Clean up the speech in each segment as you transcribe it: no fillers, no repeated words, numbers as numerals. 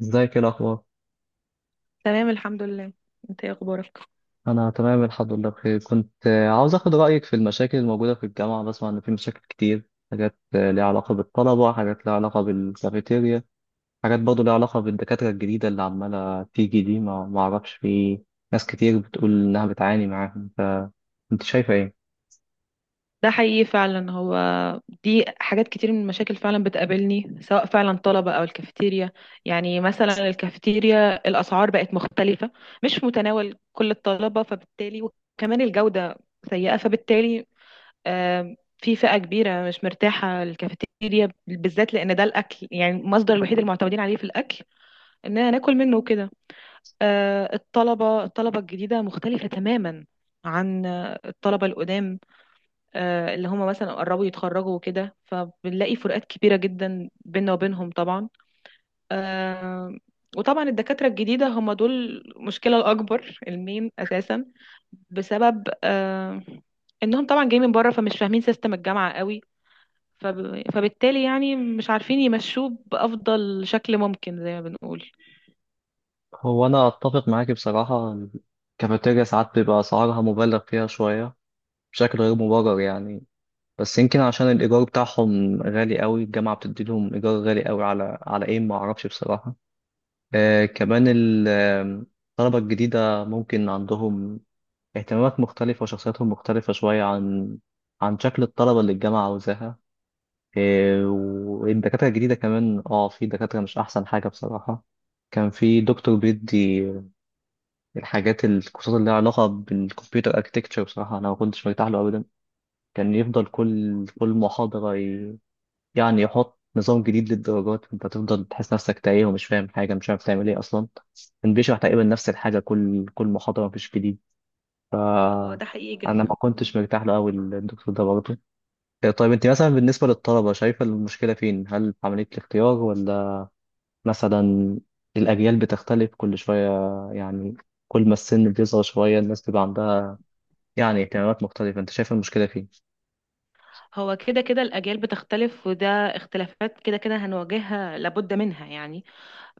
ازيك، ايه الاخبار؟ تمام الحمد لله. انت ايه اخبارك؟ انا تمام الحمد لله بخير. كنت عاوز اخد رايك في المشاكل الموجوده في الجامعه. بسمع ان في مشاكل كتير، حاجات ليها علاقه بالطلبه، حاجات ليها علاقه بالكافيتيريا، حاجات برضه ليها علاقه بالدكاتره الجديده اللي عماله تيجي دي. ما اعرفش، في ناس كتير بتقول انها بتعاني معاهم. فانت شايفه ايه؟ ده حقيقي فعلا. هو دي حاجات كتير من المشاكل فعلا بتقابلني، سواء فعلا طلبة او الكافيتيريا. يعني مثلا الكافيتيريا الاسعار بقت مختلفة، مش متناول كل الطلبة، فبالتالي وكمان الجودة سيئة. فبالتالي في فئة كبيرة مش مرتاحة الكافيتيريا بالذات، لان ده الاكل يعني المصدر الوحيد المعتمدين عليه في الاكل، اننا ناكل منه وكده. الطلبة الجديدة مختلفة تماما عن الطلبة القدام، اللي هم مثلا قربوا يتخرجوا وكده، فبنلاقي فروقات كبيرة جدا بيننا وبينهم طبعا. آه، وطبعا الدكاترة الجديدة هم دول المشكلة الأكبر المين أساسا، بسبب إنهم طبعا جايين من بره فمش فاهمين سيستم الجامعة قوي. فبالتالي يعني مش عارفين يمشوه بأفضل شكل ممكن زي ما بنقول. هو انا اتفق معاكي بصراحه. الكافيتيريا ساعات بيبقى اسعارها مبالغ فيها شويه بشكل غير مبرر يعني. بس يمكن عشان الإيجار بتاعهم غالي قوي، الجامعة بتدي لهم إيجار غالي قوي على إيه، ما أعرفش بصراحة. كمان ال- آم، الطلبة الجديدة ممكن عندهم اهتمامات مختلفة وشخصياتهم مختلفة شوية عن شكل الطلبة اللي الجامعة عاوزاها. والدكاترة الجديدة كمان، في دكاترة مش أحسن حاجة بصراحة. كان في دكتور بيدي الحاجات الكورسات اللي لها علاقة بالكمبيوتر اركتكتشر. بصراحة أنا ما كنتش مرتاح له أبدا. كان يفضل كل محاضرة، يعني يحط نظام جديد للدرجات، انت تفضل تحس نفسك تايه ومش فاهم حاجه، مش عارف تعمل ايه اصلا. كان بيشرح تقريبا نفس الحاجه كل محاضره، مفيش جديد. ف اه ده حقيقي انا ما جدا. كنتش مرتاح له قوي الدكتور ده برضه. إيه طيب، انت مثلا بالنسبه للطلبه شايفه المشكله فين؟ هل في عمليه الاختيار، ولا مثلا الاجيال بتختلف كل شويه؟ يعني كل ما السن بيصغر شويه الناس بيبقى عندها يعني اهتمامات مختلفه. انت شايف المشكله فين؟ هو كده كده الأجيال بتختلف، وده اختلافات كده كده هنواجهها لابد منها يعني.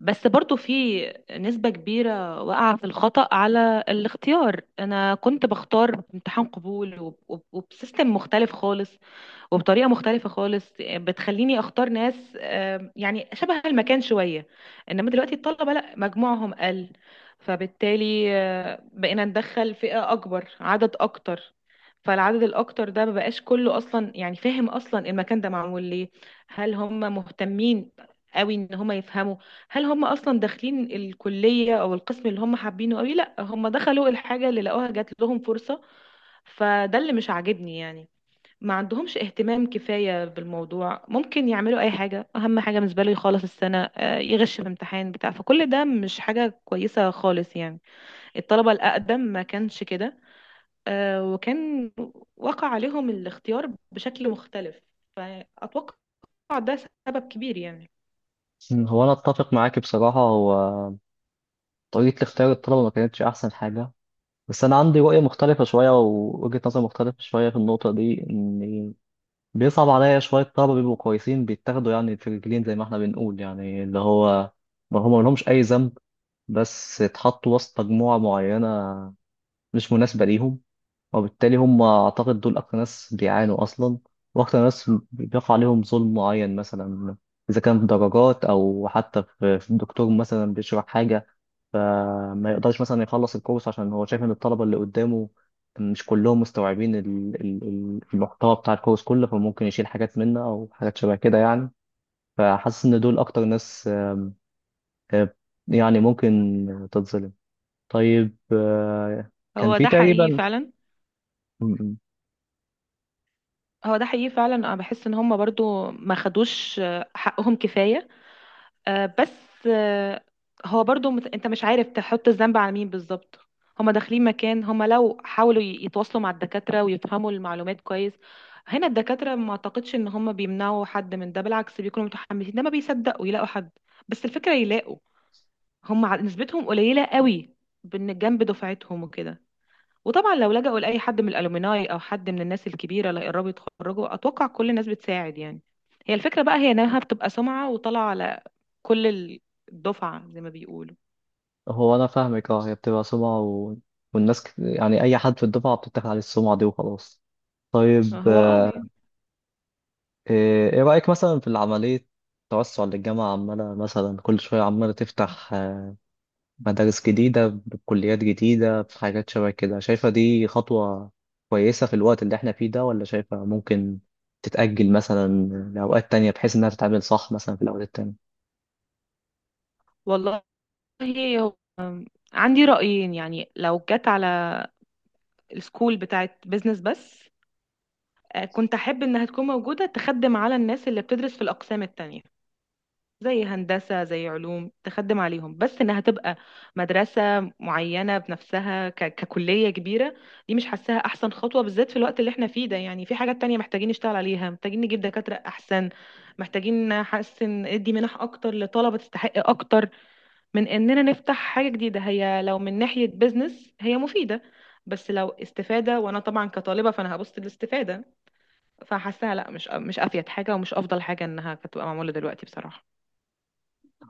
بس برضو في نسبة كبيرة واقعة في الخطأ على الاختيار. أنا كنت بختار امتحان قبول وبسيستم مختلف خالص وبطريقه مختلفه خالص، بتخليني اختار ناس يعني شبه المكان شويه. انما دلوقتي الطلبه لا، مجموعهم قل، فبالتالي بقينا ندخل فئه اكبر عدد اكتر، فالعدد الاكتر ده مبقاش كله اصلا، يعني فاهم اصلا المكان ده معمول ليه؟ هل هم مهتمين قوي ان هم يفهموا؟ هل هم اصلا داخلين الكليه او القسم اللي هم حابينه قوي؟ لا، هم دخلوا الحاجه اللي لقوها، جات لهم فرصه. فده اللي مش عاجبني يعني. ما عندهمش اهتمام كفاية بالموضوع، ممكن يعملوا أي حاجة، أهم حاجة بالنسبة له يخلص السنة، يغش في امتحان بتاع، فكل ده مش حاجة كويسة خالص يعني. الطلبة الأقدم ما كانش كده، وكان وقع عليهم الاختيار بشكل مختلف. فأتوقع ده سبب كبير يعني. هو انا اتفق معاك بصراحه. هو طريقه اختيار الطلبه ما كانتش احسن حاجه. بس انا عندي رؤيه مختلفه شويه ووجهه نظر مختلفه شويه في النقطه دي. ان بيصعب عليا شويه، طلبه بيبقوا كويسين بيتاخدوا يعني في رجلين زي ما احنا بنقول، يعني اللي هو ما هم لهمش اي ذنب، بس اتحطوا وسط مجموعه معينه مش مناسبه ليهم. وبالتالي هم اعتقد دول اكتر ناس بيعانوا اصلا، واكتر ناس بيقع عليهم ظلم معين. مثلا اذا كان في درجات، او حتى في الدكتور مثلا بيشرح حاجه ما يقدرش مثلا يخلص الكورس عشان هو شايف ان الطلبه اللي قدامه مش كلهم مستوعبين المحتوى بتاع الكورس كله، فممكن يشيل حاجات منه او حاجات شبه كده يعني. فحاسس ان دول اكتر ناس آه، يعني ممكن تتظلم. طيب، كان هو في ده حقيقي تقريبا فعلا. م- م. هو ده حقيقي فعلا، أنا بحس إن هم برضو ما خدوش حقهم كفاية. بس هو برضو انت مش عارف تحط الذنب على مين بالظبط. هما داخلين مكان، هما لو حاولوا يتواصلوا مع الدكاترة ويفهموا المعلومات كويس، هنا الدكاترة ما اعتقدش ان هما بيمنعوا حد من ده، بالعكس بيكونوا متحمسين، ده ما بيصدقوا يلاقوا حد. بس الفكرة يلاقوا، هما نسبتهم قليلة قوي جنب دفعتهم وكده. وطبعا لو لجأوا لأي حد من الألومناي أو حد من الناس الكبيرة اللي قربوا يتخرجوا، أتوقع كل الناس بتساعد يعني. هي الفكرة بقى هي إنها بتبقى سمعة وطالعة على كل الدفعة زي ما بيقولوا. هو انا فاهمك، اه. هي بتبقى سمعه والناس يعني اي حد في الدفعه بتتاخد عليه السمعه دي وخلاص. طيب، هو اه يعني. ايه رايك مثلا في العمليه توسع للجامعه، عماله مثلا كل شويه عماله تفتح مدارس جديدة بكليات جديدة بحاجات شبه كده. شايفة دي خطوة كويسة في الوقت اللي احنا فيه ده، ولا شايفة ممكن تتأجل مثلا لأوقات تانية بحيث إنها تتعمل صح مثلا في الأوقات التانية؟ والله، هو عندي رأيين. يعني لو جت على السكول بتاعت بيزنس بس، كنت أحب إنها تكون موجودة تخدم على الناس اللي بتدرس في الأقسام التانية، زي هندسة زي علوم، تخدم عليهم، بس انها تبقى مدرسة معينة بنفسها ككلية كبيرة، دي مش حاساها احسن خطوة بالذات في الوقت اللي احنا فيه ده. يعني في حاجات تانية محتاجين نشتغل عليها، محتاجين نجيب دكاترة احسن، محتاجين نحسن، ادي منح اكتر لطلبة تستحق اكتر، من اننا نفتح حاجة جديدة. هي لو من ناحية بيزنس هي مفيدة، بس لو استفادة، وانا طبعا كطالبة فانا هبص للاستفادة، فحاساها لا، مش افيد حاجة ومش افضل حاجة انها كانت تبقى معمولة دلوقتي بصراحة.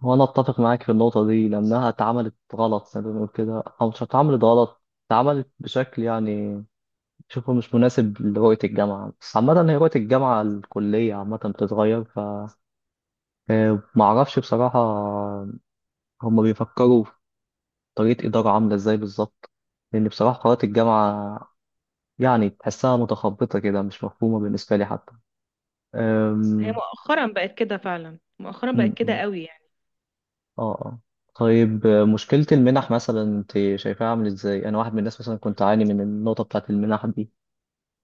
وأنا أتفق معاك في النقطة دي، لأنها اتعملت غلط زي ما بنقول كده، أو مش اتعملت غلط، اتعملت بشكل يعني شوفه مش مناسب لرؤية الجامعة. بس عامة هي رؤية الجامعة الكلية عامة بتتغير. ف آه، معرفش بصراحة هما بيفكروا طريقة إدارة عاملة إزاي بالظبط. لأن بصراحة قرارات الجامعة يعني تحسها متخبطة كده، مش مفهومة بالنسبة لي حتى. هي أم... مؤخرا بقت كده فعلا، مؤخرا بقت أم، كده أم. قوي يعني. آه آه طيب، مشكلة المنح مثلا أنت شايفاها عاملة إزاي؟ أنا واحد من الناس مثلا كنت أعاني من النقطة بتاعة المنح دي.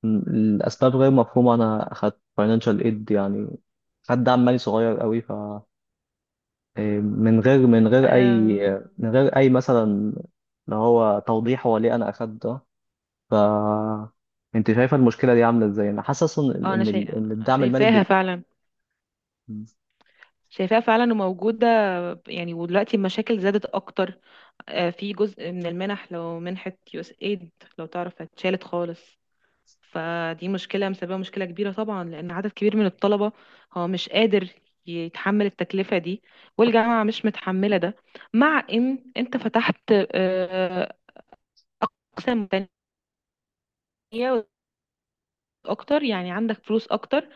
الأسباب غير مفهومة. أنا أخدت financial aid يعني، خد دعم مالي صغير قوي. ف آه، من غير من غير أي آه من غير أي مثلا اللي هو توضيح هو ليه أنا أخدت ده. ف انت شايفه المشكله دي عامله ازاي؟ انا حاسس ان انا ان ال- شايفة، إن الدعم المالي شايفاها فعلا، شايفاها فعلا وموجودة. يعني ودلوقتي المشاكل زادت اكتر. آه، في جزء من المنح، لو منحة يو اس ايد لو تعرف اتشالت خالص، فدي مشكلة مسببة مشكلة كبيرة طبعا، لان عدد كبير من الطلبة هو مش قادر يتحمل التكلفة دي، والجامعة مش متحملة ده. مع ان انت فتحت اقسام تانية اكتر، يعني عندك فلوس اكتر،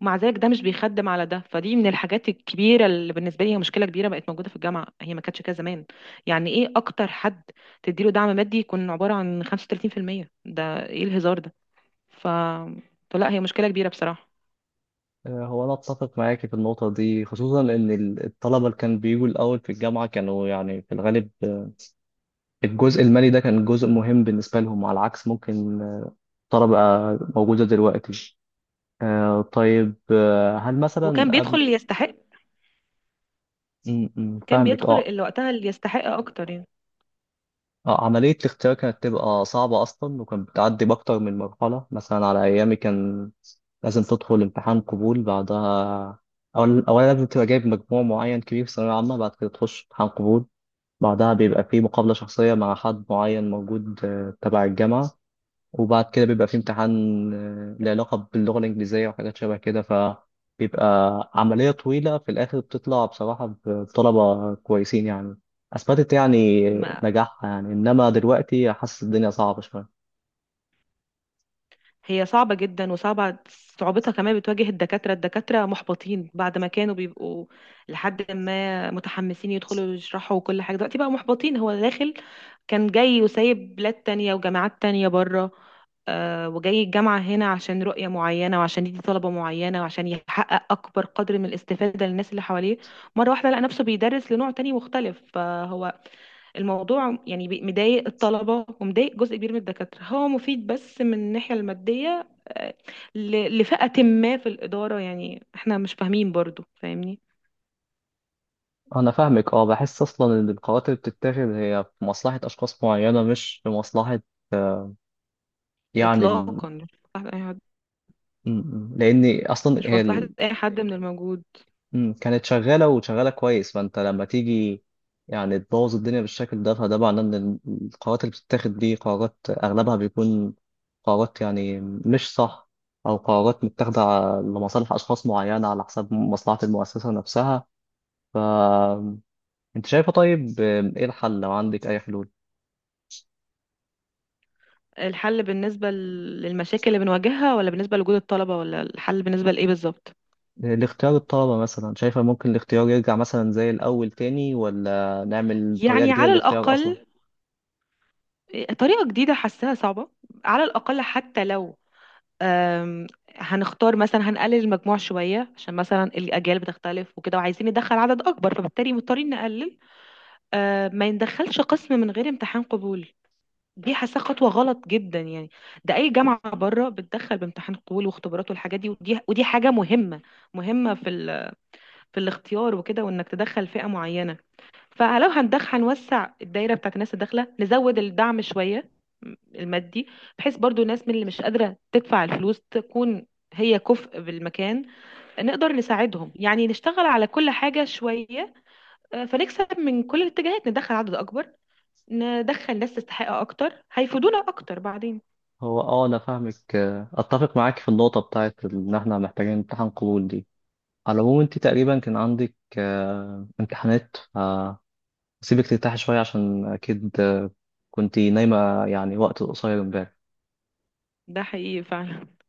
ومع ذلك ده مش بيخدم على ده. فدي من الحاجات الكبيره اللي بالنسبه لي هي مشكله كبيره بقت موجوده في الجامعه، هي ما كانتش كده زمان. يعني ايه اكتر حد تديله دعم مادي يكون عباره عن 35%؟ ده ايه الهزار ده؟ ف فلا هي مشكله كبيره بصراحه. هو انا اتفق معاكي في النقطه دي، خصوصا ان الطلبه اللي كانوا بيجوا الاول في الجامعه كانوا يعني في الغالب الجزء المالي ده كان جزء مهم بالنسبه لهم، على عكس ممكن طلبه موجوده دلوقتي. طيب، هل مثلا وكان بيدخل قبل اللي يستحق، م- م، كان فاهمك، بيدخل اه. اللي وقتها اللي يستحق اكتر يعني. عملية الاختيار كانت تبقى صعبة أصلا، وكانت بتعدي بأكتر من مرحلة. مثلا على أيامي كان لازم تدخل امتحان قبول، بعدها أولا لازم تبقى جايب مجموع معين كبير في ثانوية عامة. بعد كده تخش امتحان قبول، بعدها بيبقى فيه مقابلة شخصية مع حد معين موجود تبع الجامعة. وبعد كده بيبقى في امتحان له علاقة باللغة الإنجليزية وحاجات شبه كده. فبيبقى عملية طويلة في الآخر بتطلع بصراحة بطلبة كويسين يعني، أثبتت يعني ما نجاحها يعني. إنما دلوقتي حاسس الدنيا صعبة شوية. هي صعبة جدا، صعوبتها كمان بتواجه الدكاترة. الدكاترة محبطين بعد ما كانوا بيبقوا لحد ما متحمسين يدخلوا يشرحوا وكل حاجة، دلوقتي بقى محبطين. هو داخل كان جاي وسايب بلاد تانية وجامعات تانية بره، وجاي الجامعة هنا عشان رؤية معينة وعشان يدي طلبة معينة وعشان يحقق أكبر قدر من الاستفادة للناس اللي حواليه. مرة واحدة لقى نفسه بيدرس لنوع تاني مختلف، فهو الموضوع يعني مضايق الطلبة ومضايق جزء كبير من الدكاترة، هو مفيد بس من الناحية المادية لفئة ما في الإدارة. يعني احنا مش فاهمين برضو، فاهمني؟ أنا فاهمك، أه. بحس أصلا إن القرارات اللي بتتاخد هي في مصلحة أشخاص معينة، مش في مصلحة آه، يعني ال... إطلاقا، مش مصلحة أي حد، لأن أصلا مش هي مصلحة أي حد من الموجود. كانت شغالة وشغالة كويس. فأنت لما تيجي يعني تبوظ الدنيا بالشكل ده، فده معناه إن القرارات اللي بتتاخد دي قرارات أغلبها بيكون قرارات يعني مش صح، أو قرارات متاخدة لمصالح أشخاص معينة على حساب مصلحة المؤسسة نفسها. فأنت شايفة، طيب، إيه الحل لو عندك أي حلول؟ الحل بالنسبة للمشاكل اللي بنواجهها، ولا بالنسبة لوجود الطلبة، ولا الحل بالنسبة لإيه بالظبط؟ الاختيار الطلبة مثلا، شايفة ممكن الاختيار يرجع مثلا زي الأول تاني، ولا نعمل طريقة يعني جديدة على للاختيار أصلا؟ الأقل طريقة جديدة حاساها صعبة، على الأقل حتى لو آم، هنختار مثلا، هنقلل المجموع شوية عشان مثلا الأجيال بتختلف وكده، وعايزين ندخل عدد أكبر فبالتالي مضطرين نقلل. ما يندخلش قسم من غير امتحان قبول، دي حاسة خطوة غلط جدا يعني. ده أي جامعة بره بتدخل بامتحان قبول واختبارات والحاجات دي، ودي ودي حاجة مهمة، مهمة في في الاختيار وكده، وإنك تدخل فئة معينة. فلو هنوسع الدايره بتاعت الناس الداخله، نزود الدعم شويه المادي، بحيث برضو الناس من اللي مش قادره تدفع الفلوس تكون هي كفء بالمكان، نقدر نساعدهم. يعني نشتغل على كل حاجه شويه، فنكسب من كل الاتجاهات، ندخل عدد اكبر، ندخل ناس تستحق اكتر هيفيدونا اكتر بعدين. هو انا فاهمك، اتفق معاك في النقطه بتاعت ان احنا محتاجين امتحان قبول دي. على العموم انت تقريبا كان عندك امتحانات، فسيبك ترتاحي شويه، عشان اكيد كنتي نايمه يعني وقت قصير امبارح. ده حقيقي فعلا.